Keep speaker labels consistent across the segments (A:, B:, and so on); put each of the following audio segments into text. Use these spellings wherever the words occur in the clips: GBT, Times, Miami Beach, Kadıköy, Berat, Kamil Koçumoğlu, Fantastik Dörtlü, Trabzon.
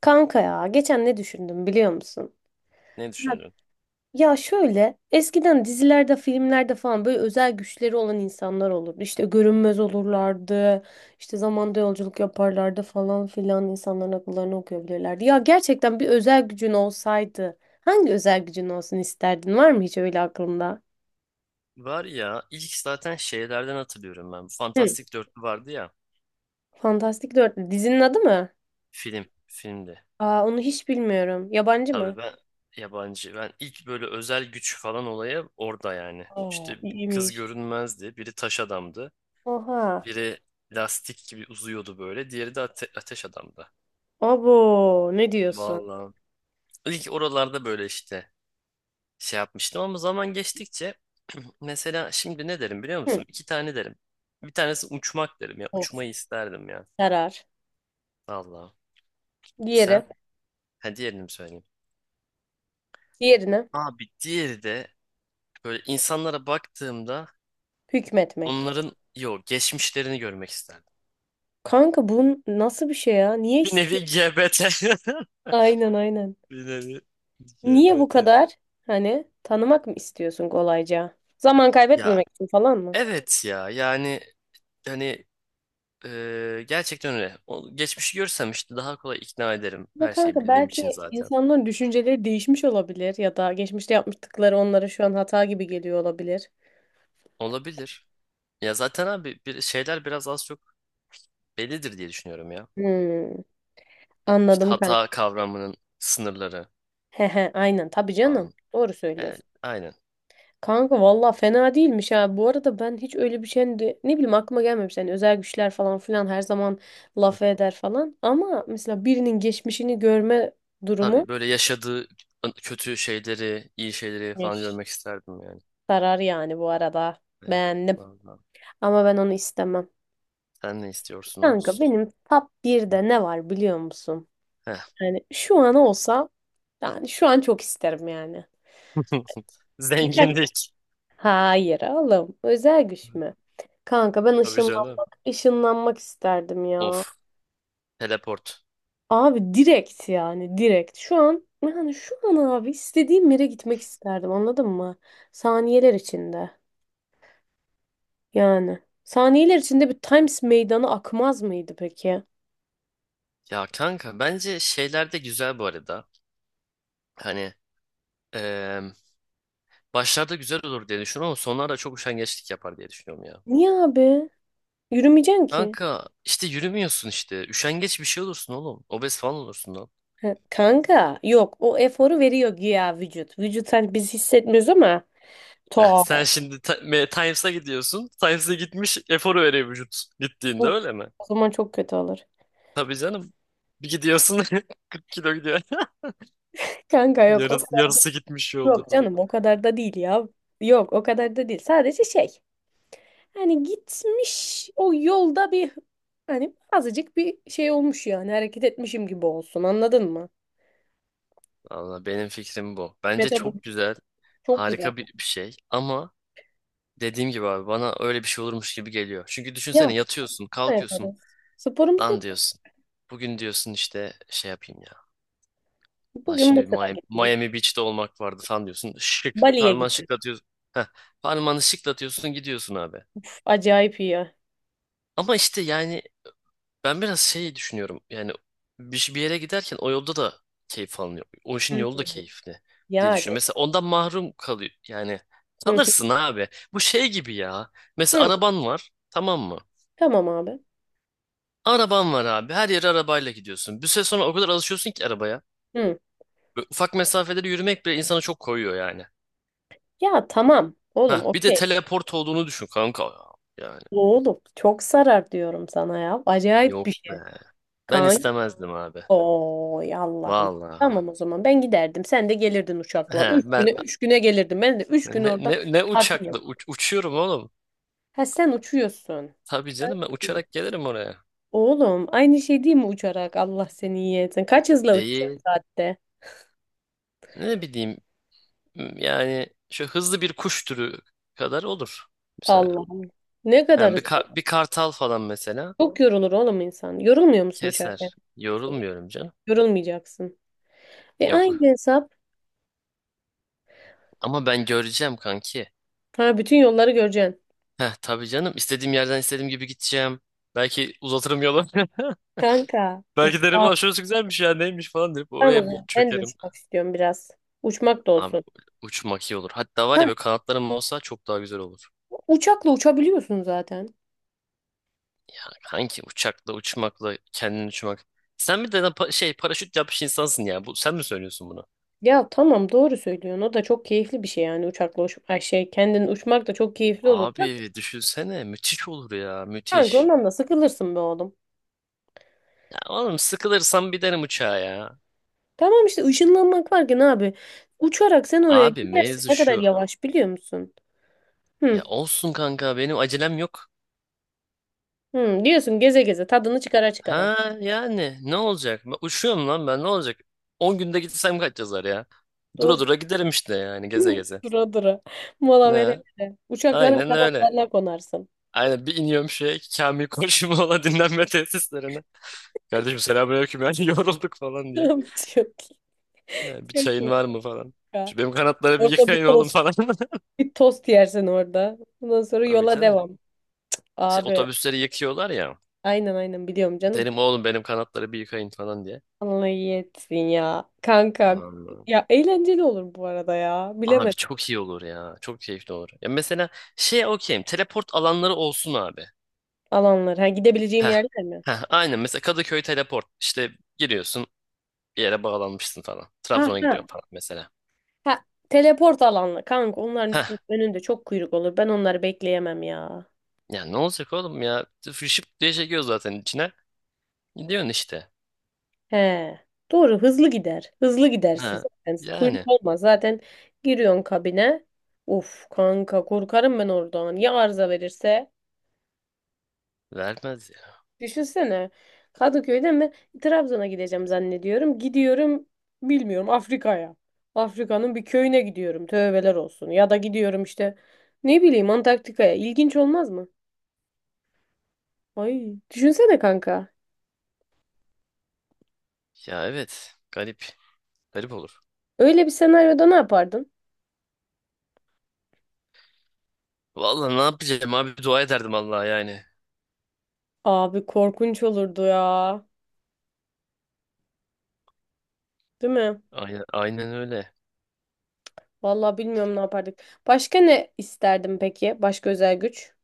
A: Kanka ya geçen ne düşündüm biliyor musun?
B: Ne
A: Ya,
B: düşündün?
A: Ya şöyle eskiden dizilerde filmlerde falan böyle özel güçleri olan insanlar olurdu. İşte görünmez olurlardı. İşte zamanda yolculuk yaparlardı falan filan, insanların akıllarını okuyabilirlerdi. Ya gerçekten bir özel gücün olsaydı hangi özel gücün olsun isterdin? Var mı hiç öyle aklında?
B: Var ya ilk zaten şeylerden hatırlıyorum ben. Bu
A: Hı.
B: Fantastik Dörtlü vardı ya.
A: Fantastik Dörtlü dizinin adı mı?
B: Filmde.
A: Aa, onu hiç bilmiyorum. Yabancı
B: Tabii
A: mı?
B: ben yabancı. Ben ilk böyle özel güç falan olayı orada yani.
A: Aa,
B: İşte kız
A: iyiymiş.
B: görünmezdi. Biri taş adamdı.
A: Oha.
B: Biri lastik gibi uzuyordu böyle. Diğeri de ateş adamdı.
A: Abo, ne diyorsun?
B: Vallahi. İlk oralarda böyle işte şey yapmıştım ama zaman geçtikçe mesela şimdi ne derim biliyor
A: Hı.
B: musun? İki tane derim. Bir tanesi uçmak derim ya. Uçmayı isterdim ya.
A: Karar.
B: Vallahi. Sen?
A: Diğeri.
B: Ha diğerini mi söyleyeyim?
A: Diğerine
B: Abi diğeri de böyle insanlara baktığımda
A: hükmetmek.
B: onların geçmişlerini görmek isterdim.
A: Kanka, bu nasıl bir şey ya? Niye
B: Bir
A: istiyorsun?
B: nevi GBT.
A: Aynen, aynen.
B: Bir nevi
A: Niye bu
B: GBT.
A: kadar? Hani tanımak mı istiyorsun kolayca? Zaman
B: Ya
A: kaybetmemek için falan mı?
B: evet ya yani hani gerçekten öyle. O, geçmişi görsem işte daha kolay ikna ederim.
A: Ama
B: Her şeyi
A: kanka
B: bildiğim için
A: belki
B: zaten.
A: insanların düşünceleri değişmiş olabilir, ya da geçmişte yapmıştıkları onlara şu an hata gibi geliyor olabilir.
B: Olabilir. Ya zaten abi bir şeyler biraz az çok bellidir diye düşünüyorum ya.
A: Hmm,
B: İşte
A: anladım kanka.
B: hata kavramının sınırları
A: He he, aynen tabii canım.
B: falan.
A: Doğru
B: Yani,
A: söylüyorsun.
B: aynen.
A: Kanka valla fena değilmiş ha. Bu arada ben hiç öyle bir ne bileyim, aklıma gelmemiş. Yani özel güçler falan filan her zaman laf eder falan. Ama mesela birinin geçmişini görme durumu.
B: Tabii böyle yaşadığı kötü şeyleri, iyi şeyleri falan
A: Miş.
B: görmek isterdim yani.
A: Sarar yani bu arada.
B: Evet.
A: Beğendim.
B: Vallahi.
A: Ama ben onu istemem.
B: Sen ne
A: Kanka
B: istiyorsunuz?
A: benim top birde ne var biliyor musun?
B: Heh.
A: Yani şu an olsa, yani şu an çok isterim yani. Birkaç.
B: Zenginlik.
A: Hayır oğlum. Özel güç mü? Kanka ben
B: Tabii canım.
A: ışınlanmak isterdim ya.
B: Of. Teleport.
A: Abi direkt, yani direkt. Şu an yani şu an abi istediğim yere gitmek isterdim anladın mı? Saniyeler içinde yani. Saniyeler içinde bir Times meydanı akmaz mıydı peki?
B: Ya kanka bence şeyler de güzel bu arada. Hani eee, başlarda güzel olur diye düşünüyorum ama sonlarda çok üşengeçlik yapar diye düşünüyorum ya.
A: Niye abi? Yürümeyeceksin ki.
B: Kanka işte yürümüyorsun işte. Üşengeç bir şey olursun oğlum. Obez falan olursun.
A: Ha, kanka yok, o eforu veriyor güya vücut. Vücut, hani biz hissetmiyoruz ama
B: Heh,
A: to
B: sen şimdi Times'a gidiyorsun. Times'a gitmiş eforu veriyor vücut gittiğinde
A: o
B: öyle mi?
A: zaman çok kötü olur.
B: Tabii canım. Bir gidiyorsun, 40 kilo gidiyor.
A: Kanka yok, o
B: Yarısı,
A: kadar,
B: yarısı gitmiş yolda
A: yok
B: falan.
A: canım, o kadar da değil ya. Yok, o kadar da değil. Sadece şey. Hani gitmiş o yolda bir, hani azıcık bir şey olmuş, yani hareket etmişim gibi olsun anladın mı?
B: Valla benim fikrim bu. Bence çok
A: Metabolizm
B: güzel.
A: çok güzel.
B: Harika bir şey. Ama dediğim gibi abi bana öyle bir şey olurmuş gibi geliyor. Çünkü
A: Ya
B: düşünsene
A: spor
B: yatıyorsun, kalkıyorsun.
A: yaparız. Sporumuzu yap.
B: Lan diyorsun. Bugün diyorsun işte şey yapayım ya. Lan
A: Bugün
B: şimdi bir
A: Mısır'a
B: Miami,
A: gideyim.
B: Miami Beach'te olmak vardı falan diyorsun. Şık.
A: Bali'ye
B: Parmağını
A: gidiyorum.
B: şıklatıyorsun. Heh, parmağını şıklatıyorsun gidiyorsun abi.
A: Uf, acayip iyi ya.
B: Ama işte yani ben biraz şey düşünüyorum. Yani bir yere giderken o yolda da keyif alınıyor. O işin yolu
A: Hı.
B: da keyifli diye düşünüyorum.
A: Yani.
B: Mesela ondan mahrum kalıyor. Yani
A: Hı.
B: kalırsın abi. Bu şey gibi ya. Mesela
A: Hı.
B: araban var. Tamam mı?
A: Tamam abi.
B: Araban var abi. Her yere arabayla gidiyorsun. Bir süre sonra o kadar alışıyorsun ki arabaya.
A: Hı.
B: Böyle ufak mesafeleri yürümek bile insana çok koyuyor yani.
A: Ya tamam oğlum,
B: Ha bir de
A: okey.
B: teleport olduğunu düşün kanka, ya. Yani
A: Oğlum çok sarar diyorum sana ya. Acayip bir
B: yok
A: şey.
B: be. Ben
A: Kaan.
B: istemezdim abi.
A: Oy Allah'ım.
B: Valla.
A: Tamam o zaman, ben giderdim. Sen de gelirdin uçakla.
B: He,
A: Üç
B: ben
A: güne, 3 güne gelirdim. Ben de 3 gün
B: ne,
A: orada
B: ne, ne
A: tatil yap.
B: uçakla uçuyorum oğlum.
A: Ha, sen uçuyorsun.
B: Tabii canım ben uçarak gelirim oraya.
A: Oğlum, aynı şey değil mi uçarak? Allah seni iyi etsin. Kaç hızla uçuyorsun
B: Değil.
A: saatte?
B: Ne bileyim yani şu hızlı bir kuş türü kadar olur. Mesela.
A: Allah'ım. Ne
B: He,
A: kadar hızlı.
B: bir kartal falan mesela
A: Çok yorulur oğlum insan. Yorulmuyor musun uçarken?
B: keser. Yorulmuyorum canım.
A: Yorulmayacaksın. E,
B: Yok.
A: aynı hesap.
B: Ama ben göreceğim kanki.
A: Ha, bütün yolları göreceksin.
B: Heh, tabii canım istediğim yerden istediğim gibi gideceğim. Belki uzatırım yolu.
A: Kanka. Uf.
B: Belki derim, "Aa, şurası güzelmiş ya neymiş," falan deyip
A: Tamam o
B: oraya bir
A: zaman. Ben de
B: çökerim.
A: uçmak istiyorum biraz. Uçmak da
B: Abi
A: olsun.
B: uçmak iyi olur. Hatta var ya böyle kanatlarım olsa çok daha güzel olur.
A: Uçakla uçabiliyorsun zaten.
B: Ya kanki uçakla uçmakla kendin uçmak. Sen bir de lan paraşüt yapmış insansın ya. Bu, sen mi söylüyorsun bunu?
A: Ya tamam, doğru söylüyorsun. O da çok keyifli bir şey yani. Uçakla uç ay şey kendin uçmak da çok keyifli olur. Ya,
B: Abi düşünsene müthiş olur ya,
A: kanka
B: müthiş.
A: ondan da sıkılırsın be oğlum.
B: Ya oğlum sıkılırsam binerim uçağa ya.
A: Tamam işte, ışınlanmak varken abi, uçarak sen oraya
B: Abi
A: gidersin,
B: mevzu
A: ne kadar
B: şu.
A: yavaş biliyor musun?
B: Ya
A: Hı,
B: olsun kanka, benim acelem yok.
A: hı, diyorsun geze geze, tadını çıkara çıkara.
B: Ha yani ne olacak? Ben uçuyorum lan, ben ne olacak? 10 günde gitsem kaç yazar ya? Dura
A: Doğru.
B: dura giderim işte, yani geze geze.
A: Dura dura. Mola vere
B: Ne?
A: vere. Uçakların
B: Aynen öyle.
A: kanatlarına konarsın.
B: Aynen, bir iniyorum şeye, Kamil Koçumoğlu dinlenme tesislerine. Kardeşim, selamünaleyküm yani, yorulduk falan diye.
A: Çok iyi.
B: He, bir
A: Çok
B: çayın
A: iyi
B: var mı falan.
A: ya.
B: Şu benim kanatları bir
A: Orada bir
B: yıkayın oğlum
A: tost.
B: falan.
A: Bir tost yersin orada. Ondan sonra
B: Tabii
A: yola
B: canım.
A: devam.
B: Şey,
A: Abi
B: otobüsleri yıkıyorlar ya.
A: aynen, aynen, biliyorum canım.
B: Derim oğlum benim kanatları bir yıkayın falan diye.
A: Allah iyi etsin ya. Kanka
B: Vallahi.
A: ya, eğlenceli olur bu arada ya.
B: Abi
A: Bilemedim.
B: çok iyi olur ya. Çok keyifli olur. Ya mesela şey, okeyim. Teleport alanları olsun abi.
A: Alanlar. Ha, gidebileceğim
B: Heh.
A: yerler mi?
B: Heh, aynen, mesela Kadıköy teleport. İşte giriyorsun bir yere, bağlanmışsın falan.
A: Ha
B: Trabzon'a
A: ha.
B: gidiyorsun falan, mesela.
A: Ha, teleport alanlar. Kanka onların
B: Heh.
A: üstün, önünde çok kuyruk olur. Ben onları bekleyemem ya.
B: Ya ne olacak oğlum ya? Fışıp diye çekiyor zaten içine. Gidiyorsun işte.
A: He. Doğru, hızlı gider. Hızlı gidersin
B: Ha.
A: zaten. Kuyruk
B: Yani.
A: olmaz. Zaten giriyorsun kabine. Uf kanka, korkarım ben oradan. Ya arıza verirse?
B: Vermez ya.
A: Düşünsene. Kadıköy'den ben Trabzon'a gideceğim zannediyorum. Gidiyorum bilmiyorum Afrika'ya. Afrika'nın bir köyüne gidiyorum. Tövbeler olsun. Ya da gidiyorum işte ne bileyim, Antarktika'ya. İlginç olmaz mı? Ay, düşünsene kanka.
B: Ya evet. Garip. Garip olur.
A: Öyle bir senaryoda ne yapardın?
B: Vallahi ne yapacağım abi, dua ederdim Allah'a yani.
A: Abi, korkunç olurdu ya. Değil mi?
B: Aynen, aynen öyle.
A: Vallahi bilmiyorum ne yapardık. Başka ne isterdim peki? Başka özel güç?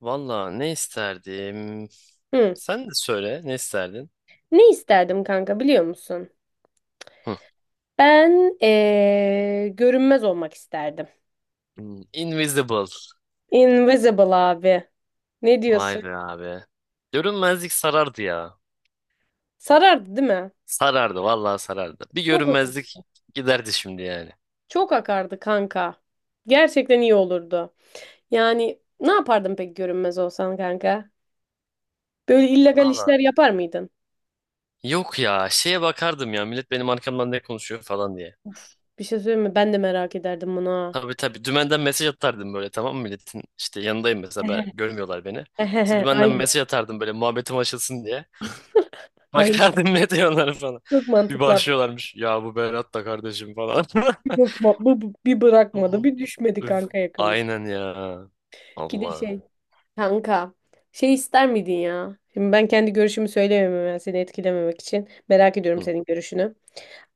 B: Vallahi ne isterdim?
A: Hı.
B: Sen de söyle, ne isterdin?
A: Ne isterdim kanka biliyor musun?
B: Hı.
A: Ben görünmez olmak isterdim.
B: Invisible.
A: Invisible abi. Ne
B: Vay
A: diyorsun?
B: be abi. Görünmezlik sarardı ya.
A: Sarardı değil mi?
B: Sarardı vallahi, sarardı. Bir
A: Çok
B: görünmezlik giderdi şimdi yani.
A: çok akardı kanka. Gerçekten iyi olurdu. Yani ne yapardın peki görünmez olsan kanka? Böyle illegal işler
B: Vallahi.
A: yapar mıydın?
B: Yok ya, şeye bakardım ya, millet benim arkamdan ne konuşuyor falan diye.
A: Of, bir şey söyleyeyim mi? Ben de merak ederdim bunu ha.
B: Tabii tabii, dümenden mesaj atardım böyle, tamam mı, milletin işte yanındayım mesela, ben, görmüyorlar beni. İşte
A: Ehehe,
B: dümenden
A: aynen.
B: mesaj atardım böyle muhabbetim açılsın diye.
A: Aynen.
B: Bakardım ne diyorlar falan.
A: Çok
B: Bir
A: mantıklı abi.
B: başlıyorlarmış ya bu Berat da kardeşim falan.
A: Bir, bakma- bu- bu- bir bırakmadı. Bir düşmedi
B: Öf.
A: kanka yakamız.
B: Aynen ya.
A: Bir de
B: Allah.
A: şey. Kanka, şey ister miydin ya? Şimdi ben kendi görüşümü söyleyemem, ben seni etkilememek için. Merak ediyorum senin görüşünü.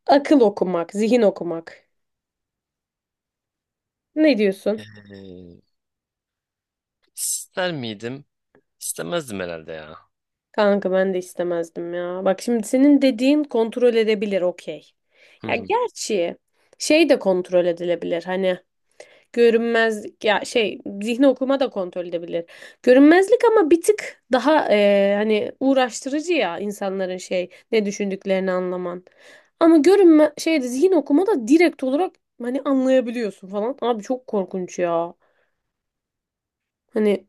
A: Akıl okumak, zihin okumak. Ne diyorsun?
B: Ee, ister miydim? İstemezdim herhalde ya.
A: Kanka ben de istemezdim ya. Bak şimdi, senin dediğin kontrol edebilir okey.
B: Hı
A: Ya
B: hı.
A: gerçi şey de kontrol edilebilir hani. Görünmezlik ya şey, zihni okuma da kontrol edebilir. Görünmezlik ama bir tık daha hani uğraştırıcı ya, insanların şey ne düşündüklerini anlaman. Ama görünme şeyde, zihin okuma da direkt olarak hani anlayabiliyorsun falan. Abi çok korkunç ya. Hani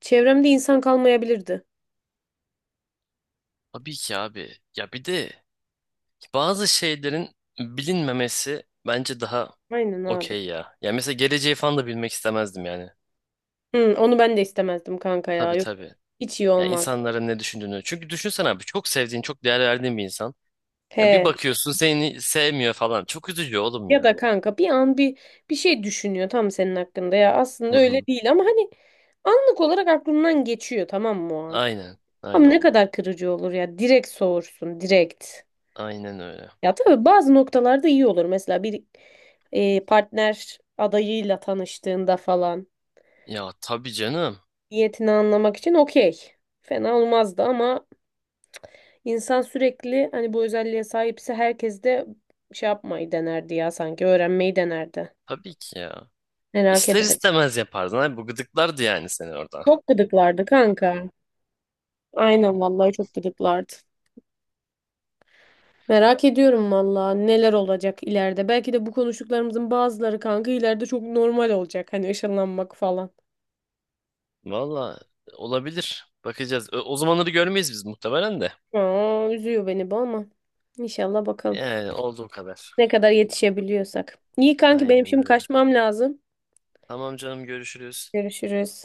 A: çevremde insan kalmayabilirdi.
B: Tabii ki abi. Ya bir de bazı şeylerin bilinmemesi bence daha
A: Aynen abi.
B: okey ya. Ya mesela geleceği falan da bilmek istemezdim yani.
A: Hı, onu ben de istemezdim kanka ya.
B: Tabii
A: Yok,
B: tabii.
A: hiç iyi
B: Yani
A: olmaz.
B: insanların ne düşündüğünü. Çünkü düşünsene abi çok sevdiğin, çok değer verdiğin bir insan. Yani bir
A: He.
B: bakıyorsun seni sevmiyor falan. Çok üzücü oğlum
A: Ya
B: ya.
A: da kanka bir an bir şey düşünüyor tam senin hakkında, ya aslında
B: Hı
A: öyle
B: hı.
A: değil ama hani anlık olarak aklından geçiyor, tamam mı o an?
B: Aynen,
A: Ama
B: aynen.
A: ne kadar kırıcı olur ya, direkt soğursun direkt.
B: Aynen öyle.
A: Ya tabii bazı noktalarda iyi olur, mesela bir partner adayıyla tanıştığında falan
B: Ya tabii canım.
A: niyetini anlamak için okey, fena olmazdı ama insan sürekli hani bu özelliğe sahipse, herkes de şey yapmayı denerdi ya, sanki öğrenmeyi denerdi,
B: Tabii ki ya.
A: merak
B: İster
A: ederim.
B: istemez yapardın abi. Bu gıdıklardı yani seni orada.
A: Çok gıdıklardı kanka. Aynen vallahi, çok gıdıklardı. Merak ediyorum vallahi neler olacak ileride. Belki de bu konuştuklarımızın bazıları kanka ileride çok normal olacak. Hani ışınlanmak falan.
B: Valla olabilir. Bakacağız. O zamanları görmeyiz biz muhtemelen de.
A: Aa, üzüyor beni bu ama. İnşallah bakalım.
B: Yani olduğu kadar.
A: Ne kadar yetişebiliyorsak. İyi kanki, benim
B: Aynen
A: şimdi
B: öyle.
A: kaçmam lazım.
B: Tamam canım, görüşürüz.
A: Görüşürüz.